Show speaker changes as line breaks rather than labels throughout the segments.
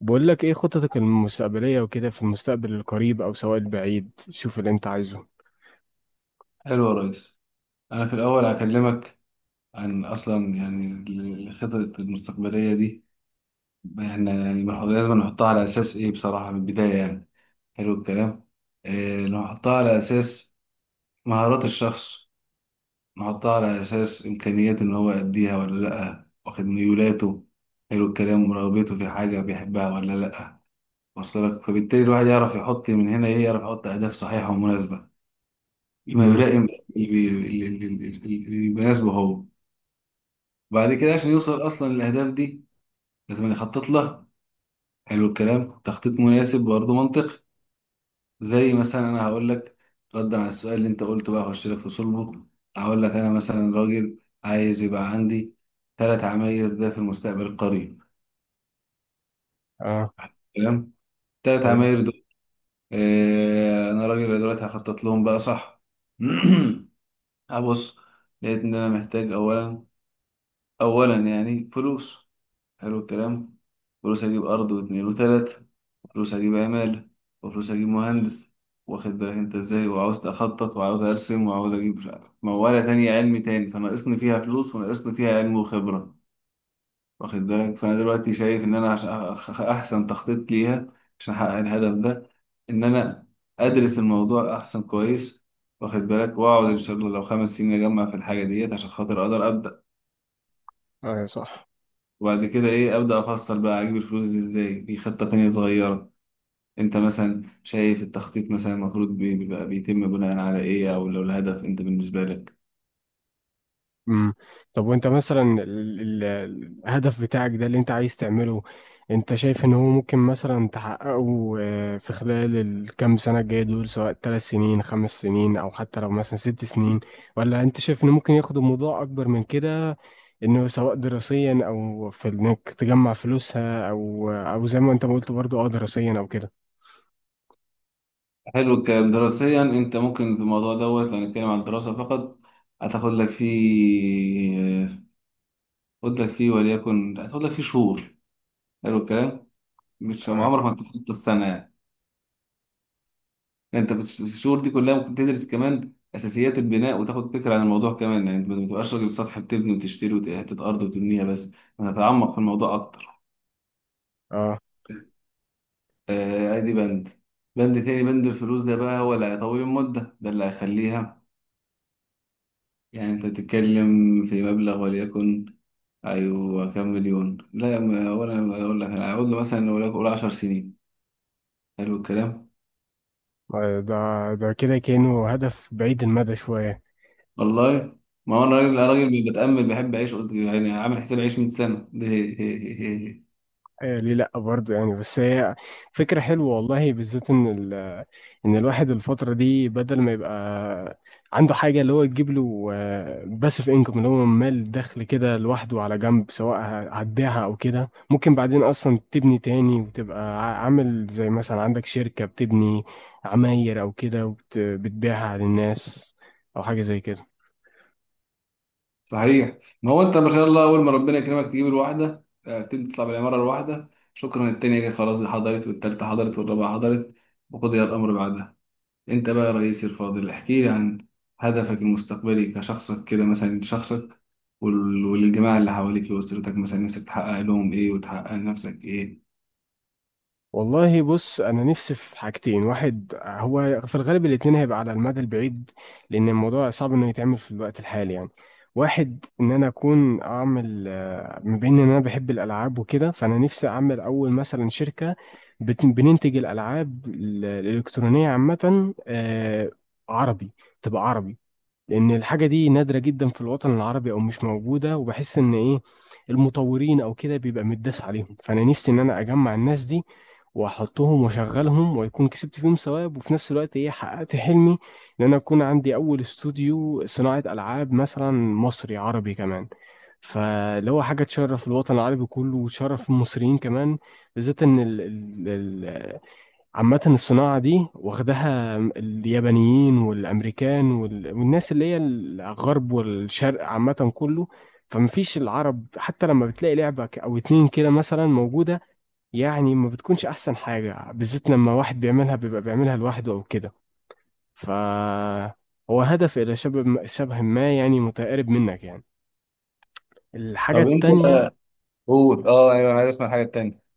بقول لك ايه خططك المستقبلية وكده، في المستقبل القريب او سواء البعيد. شوف اللي انت عايزه.
حلو يا ريس. أنا في الأول هكلمك عن أصلا يعني الخطط المستقبلية دي. إحنا يعني لازم نحطها على أساس إيه بصراحة من البداية يعني. حلو الكلام. إيه، نحطها على أساس مهارات الشخص، نحطها على أساس إمكانيات إن هو يأديها ولا لأ، واخد ميولاته. حلو الكلام. ورغبته في حاجة بيحبها ولا لأ. واصل لك، فبالتالي الواحد يعرف يحط من هنا إيه، يعرف يحط أهداف صحيحة ومناسبة، ما
امم.
يلائم اللي بي- اللي اللي- اللي- اللي يناسبه هو. وبعد كده عشان يوصل اصلا للاهداف دي لازم يخطط لها. حلو الكلام، تخطيط مناسب برضه منطقي. زي مثلا انا هقول لك ردا على السؤال اللي انت قلته، بقى اخش لك في صلبه. هقول لك انا مثلا راجل عايز يبقى عندي ثلاث عماير ده في المستقبل القريب.
اه.
تمام، ثلاث
تمام.
عماير دول. آه انا راجل دلوقتي هخطط لهم بقى، صح؟ هبص، لقيت ان انا محتاج اولا، اولا يعني فلوس. حلو الكلام. فلوس اجيب ارض واتنين وتلاتة، وفلوس اجيب عمال، وفلوس اجيب مهندس. واخد بالك انت ازاي؟ وعاوز اخطط وعاوز ارسم وعاوز اجيب مش عارف موالة تانية، علمي تاني فناقصني فيها فلوس وناقصني فيها علم وخبرة. واخد بالك؟ فانا دلوقتي شايف ان انا عشان احسن تخطيط ليها، عشان احقق الهدف ده، ان انا ادرس الموضوع احسن كويس. واخد بالك؟ واقعد ان شاء الله لو خمس سنين اجمع في الحاجة ديت عشان خاطر اقدر ابدأ.
اه. صح.
وبعد كده ايه، ابدا افصل بقى اجيب الفلوس دي ازاي في خطه تانية صغيره. انت مثلا شايف التخطيط مثلا المفروض بيبقى بيتم بناء على ايه؟ او لو الهدف انت بالنسبه لك.
امم. طب، وانت مثلا الهدف بتاعك ده اللي انت عايز تعمله، انت شايف ان هو ممكن مثلا تحققه، آه، في خلال الكام سنة الجاية دول؟ سواء 3 سنين، 5 سنين، او حتى لو مثلا 6 سنين؟ ولا انت شايف انه ممكن ياخد الموضوع اكبر من كده، انه سواء دراسيا، او في انك تجمع فلوسها، او زي ما انت ما قلت برضو، اه، دراسيا او كده.
حلو الكلام. دراسيا انت ممكن في الموضوع دوت، لو هنتكلم عن الدراسه فقط، هتاخد لك فيه، هتاخد لك فيه وليكن هتاخد لك فيه شهور. حلو الكلام. مش
اه.
عمرك ما تخطط السنه يعني. يعني انت بس الشهور دي كلها ممكن تدرس كمان اساسيات البناء وتاخد فكره عن الموضوع كمان. يعني انت ما تبقاش راجل سطح بتبني وتشتري وحته ارض وتبنيها بس، انا هتعمق في الموضوع اكتر.
اه.
آه، ادي بند، بند تاني. بند الفلوس ده بقى هو اللي هيطول المده، ده اللي هيخليها. يعني انت بتتكلم في مبلغ وليكن، ايوه كام مليون؟ لا ولا اقول لك، انا هقول له مثلا وليكن قول 10 سنين. حلو الكلام.
آه، ده كده كأنه هدف بعيد المدى شوية.
والله ما هو الراجل
آه.
الراجل اللي بتأمل بيحب يعيش يعني عامل حساب يعيش 100 سنة.
آه، ليه لا برضه يعني؟ بس هي فكرة حلوة والله، بالذات ان ان الواحد الفترة دي بدل ما يبقى عنده حاجة اللي هو تجيب له باسيف انكم، اللي هو مال دخل كده لوحده على جنب، سواء هتبيعها او كده. ممكن بعدين اصلا تبني تاني وتبقى عامل زي مثلا عندك شركة بتبني عماير او كده وبتبيعها للناس، او حاجة زي كده.
صحيح، ما هو انت ما شاء الله اول ما ربنا يكرمك تجيب الواحده، آه، تبدا تطلع بالعماره الواحده، شكرا، التانيه جايه خلاص حضرت، والتالته حضرت، والرابعه حضرت، وقضي الامر بعدها. انت بقى يا رئيسي الفاضل احكي لي عن هدفك المستقبلي كشخصك كده، مثلا شخصك والجماعه اللي حواليك واسرتك، مثلا نفسك تحقق لهم ايه وتحقق لنفسك ايه.
والله بص، انا نفسي في حاجتين. واحد، هو في الغالب الاتنين هيبقى على المدى البعيد لان الموضوع صعب انه يتعمل في الوقت الحالي يعني. واحد، ان انا اكون اعمل، آه، ما بين ان انا بحب الالعاب وكده، فانا نفسي اعمل اول مثلا شركة بننتج الالعاب الالكترونية عامة، آه، عربي. تبقى عربي، لان الحاجه دي نادره جدا في الوطن العربي او مش موجوده. وبحس ان ايه، المطورين او كده بيبقى متداس عليهم، فانا نفسي ان انا اجمع الناس دي واحطهم واشغلهم ويكون كسبت فيهم ثواب، وفي نفس الوقت ايه، حققت حلمي ان انا اكون عندي اول استوديو صناعه العاب مثلا مصري عربي كمان. فاللي هو حاجه تشرف الوطن العربي كله وتشرف المصريين كمان، بالذات ان عامة الصناعة دي واخدها اليابانيين والأمريكان والناس اللي هي الغرب والشرق عامة كله. فمفيش العرب، حتى لما بتلاقي لعبة أو اتنين كده مثلا موجودة، يعني ما بتكونش أحسن حاجة، بالذات لما واحد بيعملها بيبقى بيعملها لوحده أو كده. ف هو هدف إلى شبه شبه ما، يعني متقارب منك يعني. الحاجة
طب انت
التانية،
قول، اه ايوه انا عايز اسمع الحاجه التانيه.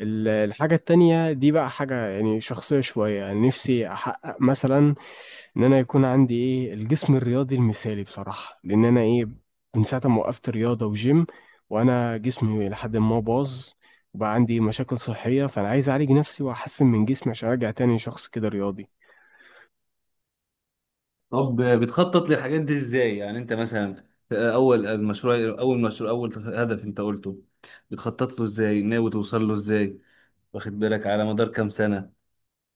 الحاجة التانية دي بقى حاجة يعني شخصية شوية. يعني نفسي أحقق مثلا إن أنا يكون عندي إيه، الجسم الرياضي المثالي بصراحة، لأن أنا إيه، من ساعة ما وقفت رياضة وجيم وأنا جسمي لحد ما باظ وبقى عندي مشاكل صحية. فأنا عايز أعالج نفسي وأحسن من جسمي عشان أرجع تاني شخص كده رياضي.
طب بتخطط للحاجات دي ازاي؟ يعني انت مثلا اول المشروع، اول مشروع، اول هدف انت قلته بتخطط له ازاي؟ ناوي توصل له ازاي؟ واخد بالك؟ على مدار كام سنة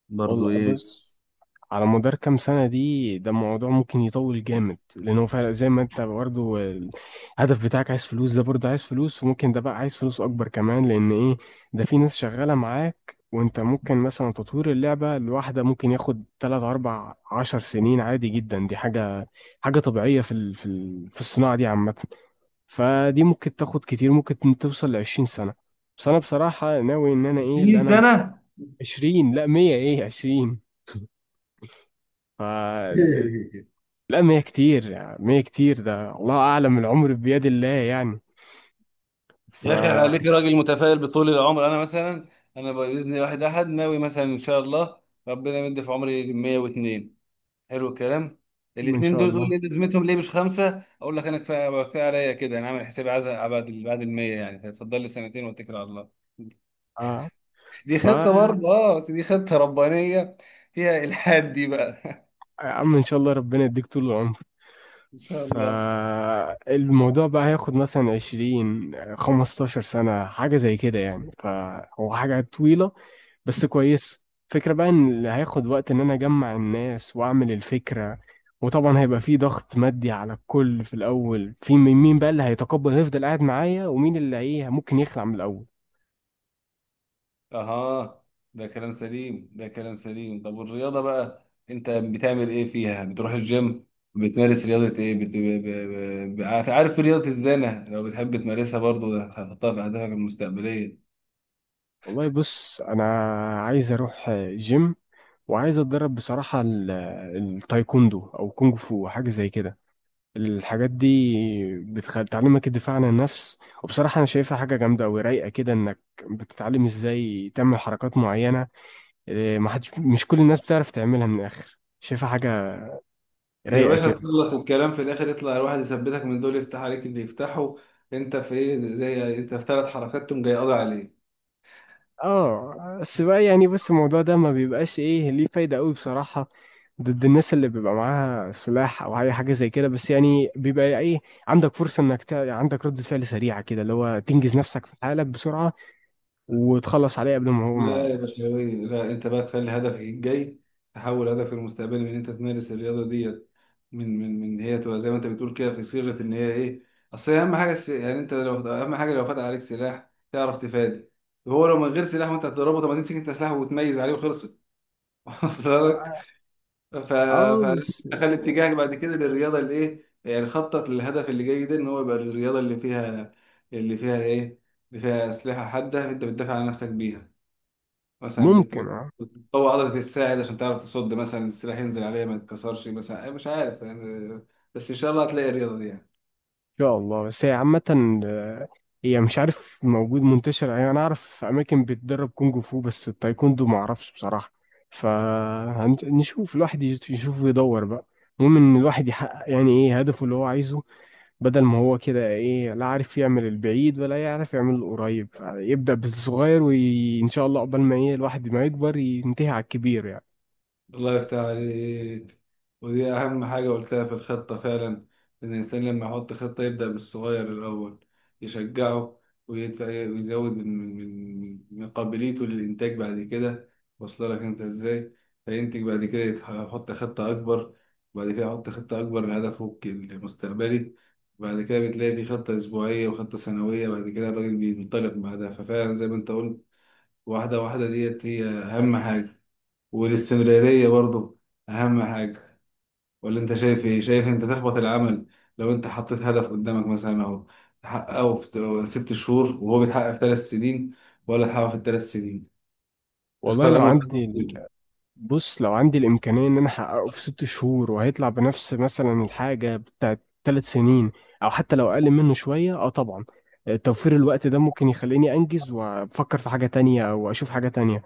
برضو،
والله
ايه؟
بص، على مدار كام سنة، دي الموضوع ممكن يطول جامد. لأنه فعلا زي ما أنت برضه الهدف بتاعك عايز فلوس، ده برضه عايز فلوس. وممكن ده بقى عايز فلوس أكبر كمان، لأن إيه، ده في ناس شغالة معاك. وأنت ممكن مثلا تطوير اللعبة الواحدة ممكن ياخد تلات أربع عشر سنين عادي جدا. دي حاجة طبيعية في الصناعة دي عامة. فدي ممكن تاخد كتير، ممكن توصل لعشرين سنة. بس أنا بصراحة ناوي إن أنا إيه اللي
20
أنا.
سنة؟
20؟ لا، 100. إيه 20؟ فلا. ما هي كتير يعني، ما هي كتير، ده الله أعلم، العمر بيد الله يعني. ف
يا اخي عليك راجل متفائل بطول العمر. انا مثلا انا باذن واحد احد ناوي مثلا ان شاء الله ربنا يمد في عمري 102. حلو الكلام.
إن
الاثنين
شاء
دول تقول
الله.
لي لازمتهم ليه مش خمسه؟ اقول لك انا كفايه كفايه عليا كده، انا عامل حسابي عايز أبقى بعد ال 100 يعني، فاتفضل لي سنتين واتكل على الله.
آه.
دي خطه
يا
برضه اه، بس دي خطه ربانيه فيها الحاد دي بقى.
عم، إن شاء الله ربنا يديك طول العمر.
ان شاء الله.
فالموضوع بقى هياخد مثلا عشرين خمستاشر سنة حاجة زي كده يعني، فهو حاجة طويلة بس كويس. فكرة بقى ان اللي هياخد وقت ان انا اجمع الناس واعمل الفكرة. وطبعا هيبقى في ضغط مادي على الكل في الاول، في مين مين بقى اللي هيتقبل يفضل قاعد معايا ومين اللي ايه ممكن يخلع من الاول.
اها، ده كلام سليم، ده كلام سليم. طب والرياضه بقى انت بتعمل ايه فيها؟ بتروح الجيم، بتمارس رياضه ايه؟ بت... ب... ب... ب... عارف، عارف رياضه الزانه؟ لو بتحب تمارسها برضه ده هتحطها في اهدافك المستقبليه.
والله بص، انا عايز اروح جيم وعايز اتدرب بصراحة التايكوندو او كونغ فو حاجة زي كده. الحاجات دي بتعلمك الدفاع عن النفس، وبصراحة انا شايفها حاجة جامدة أوي، رايقة كده، انك بتتعلم ازاي تعمل حركات معينة. إيه، ما حدش، مش كل الناس بتعرف تعملها من الاخر. شايفها حاجه
يا
رايقه
باشا
كده.
تخلص الكلام في الاخر يطلع الواحد يثبتك من دول يفتح عليك اللي يفتحه. انت في ايه؟ انت في ثلاث حركات تقوم جاي قاضي عليه.
اه بس بقى، يعني بص، الموضوع ده ما بيبقاش ايه ليه فايده قوي بصراحه ضد الناس اللي بيبقى معاها سلاح او اي حاجه زي كده. بس يعني بيبقى ايه، عندك فرصه انك عندك ردة فعل سريعه كده، اللي هو تنجز نفسك في حالك بسرعه وتخلص عليه قبل ما هو
لا يا
ما.
بشوي، لا انت بقى تخلي هدفك الجاي، تحول هدفك المستقبلي من ان انت تمارس الرياضه ديت، من هي تبقى زي ما انت بتقول كده في صيغه ان هي ايه. اصل هي اهم حاجه يعني انت لو، اهم حاجه لو فتح عليك سلاح تعرف تفادي. هو لو من غير سلاح وانت هتضربه، طب ما تمسك انت سلاح وتميز عليه وخلصت. ف...
اه بس.
فخلي اتجاهك بعد كده للرياضه اللي ايه، يعني خطط للهدف اللي جاي ده ان هو يبقى الرياضه اللي فيها، اللي فيها ايه، اللي فيها اسلحه حاده انت بتدافع عن نفسك بيها. مثلا
ممكن، آه.
بتقوي عضله الساعد عشان تعرف تصد مثلا السلاح ينزل عليها ما يتكسرش، مثلا أي مش عارف يعني. بس ان شاء الله هتلاقي الرياضه دي يعني.
شاء الله، بس هي عامة، آه، هي مش عارف موجود منتشر يعني. أنا أعرف أماكن بتدرب كونج فو، بس التايكوندو معرفش بصراحة. فنشوف، الواحد يشوف ويدور بقى. المهم إن الواحد يحقق يعني إيه، هدفه اللي هو عايزه، بدل ما هو كده إيه، لا عارف يعمل البعيد ولا يعرف يعمل القريب. يبدأ بالصغير، وإن شاء الله قبل ما إيه الواحد ما يكبر ينتهي على الكبير يعني.
الله يفتح عليك. ودي أهم حاجة قلتها في الخطة فعلا، إن الإنسان لما يحط خطة يبدأ بالصغير الأول، يشجعه ويدفع ويزود من من قابليته للإنتاج بعد كده. واصله لك أنت إزاي؟ فينتج بعد كده، يحط خطة أكبر، وبعد كده يحط خطة أكبر لهدفه المستقبلي، بعد كده بتلاقي في خطة أسبوعية وخطة سنوية، بعد كده الراجل بينطلق بعدها. ففعلا زي ما أنت قلت، واحدة واحدة ديت هي أهم حاجة. والاستمرارية برضو أهم حاجة. ولا أنت شايف إيه؟ شايف أنت تخبط العمل، لو أنت حطيت هدف قدامك مثلا أهو، تحققه في ست شهور وهو بيتحقق في ثلاث سنين، ولا تحققه في الثلاث سنين؟
والله
تختار
لو إن
أنا
شاء الله عندي،
واحد.
بص لو عندي الإمكانية إن أنا أحققه في 6 شهور وهيطلع بنفس مثلا الحاجة بتاعت 3 سنين، أو حتى لو أقل منه شوية، أه طبعا، توفير الوقت ده ممكن يخليني أنجز وأفكر في حاجة تانية أو أشوف حاجة تانية.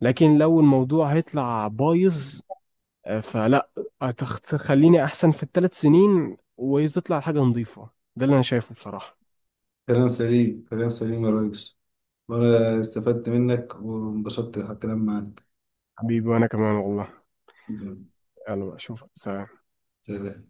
لكن لو الموضوع هيطلع بايظ، آه، فلا، تخليني أحسن في التلات سنين وتطلع حاجة نظيفة. ده اللي أنا شايفه بصراحة.
كلام سليم، كلام سليم يا ريس. وأنا استفدت منك وانبسطت على الكلام معاك.
حبيبي، وأنا كمان والله. يلا بقى، أشوفك. سلام.
سلام.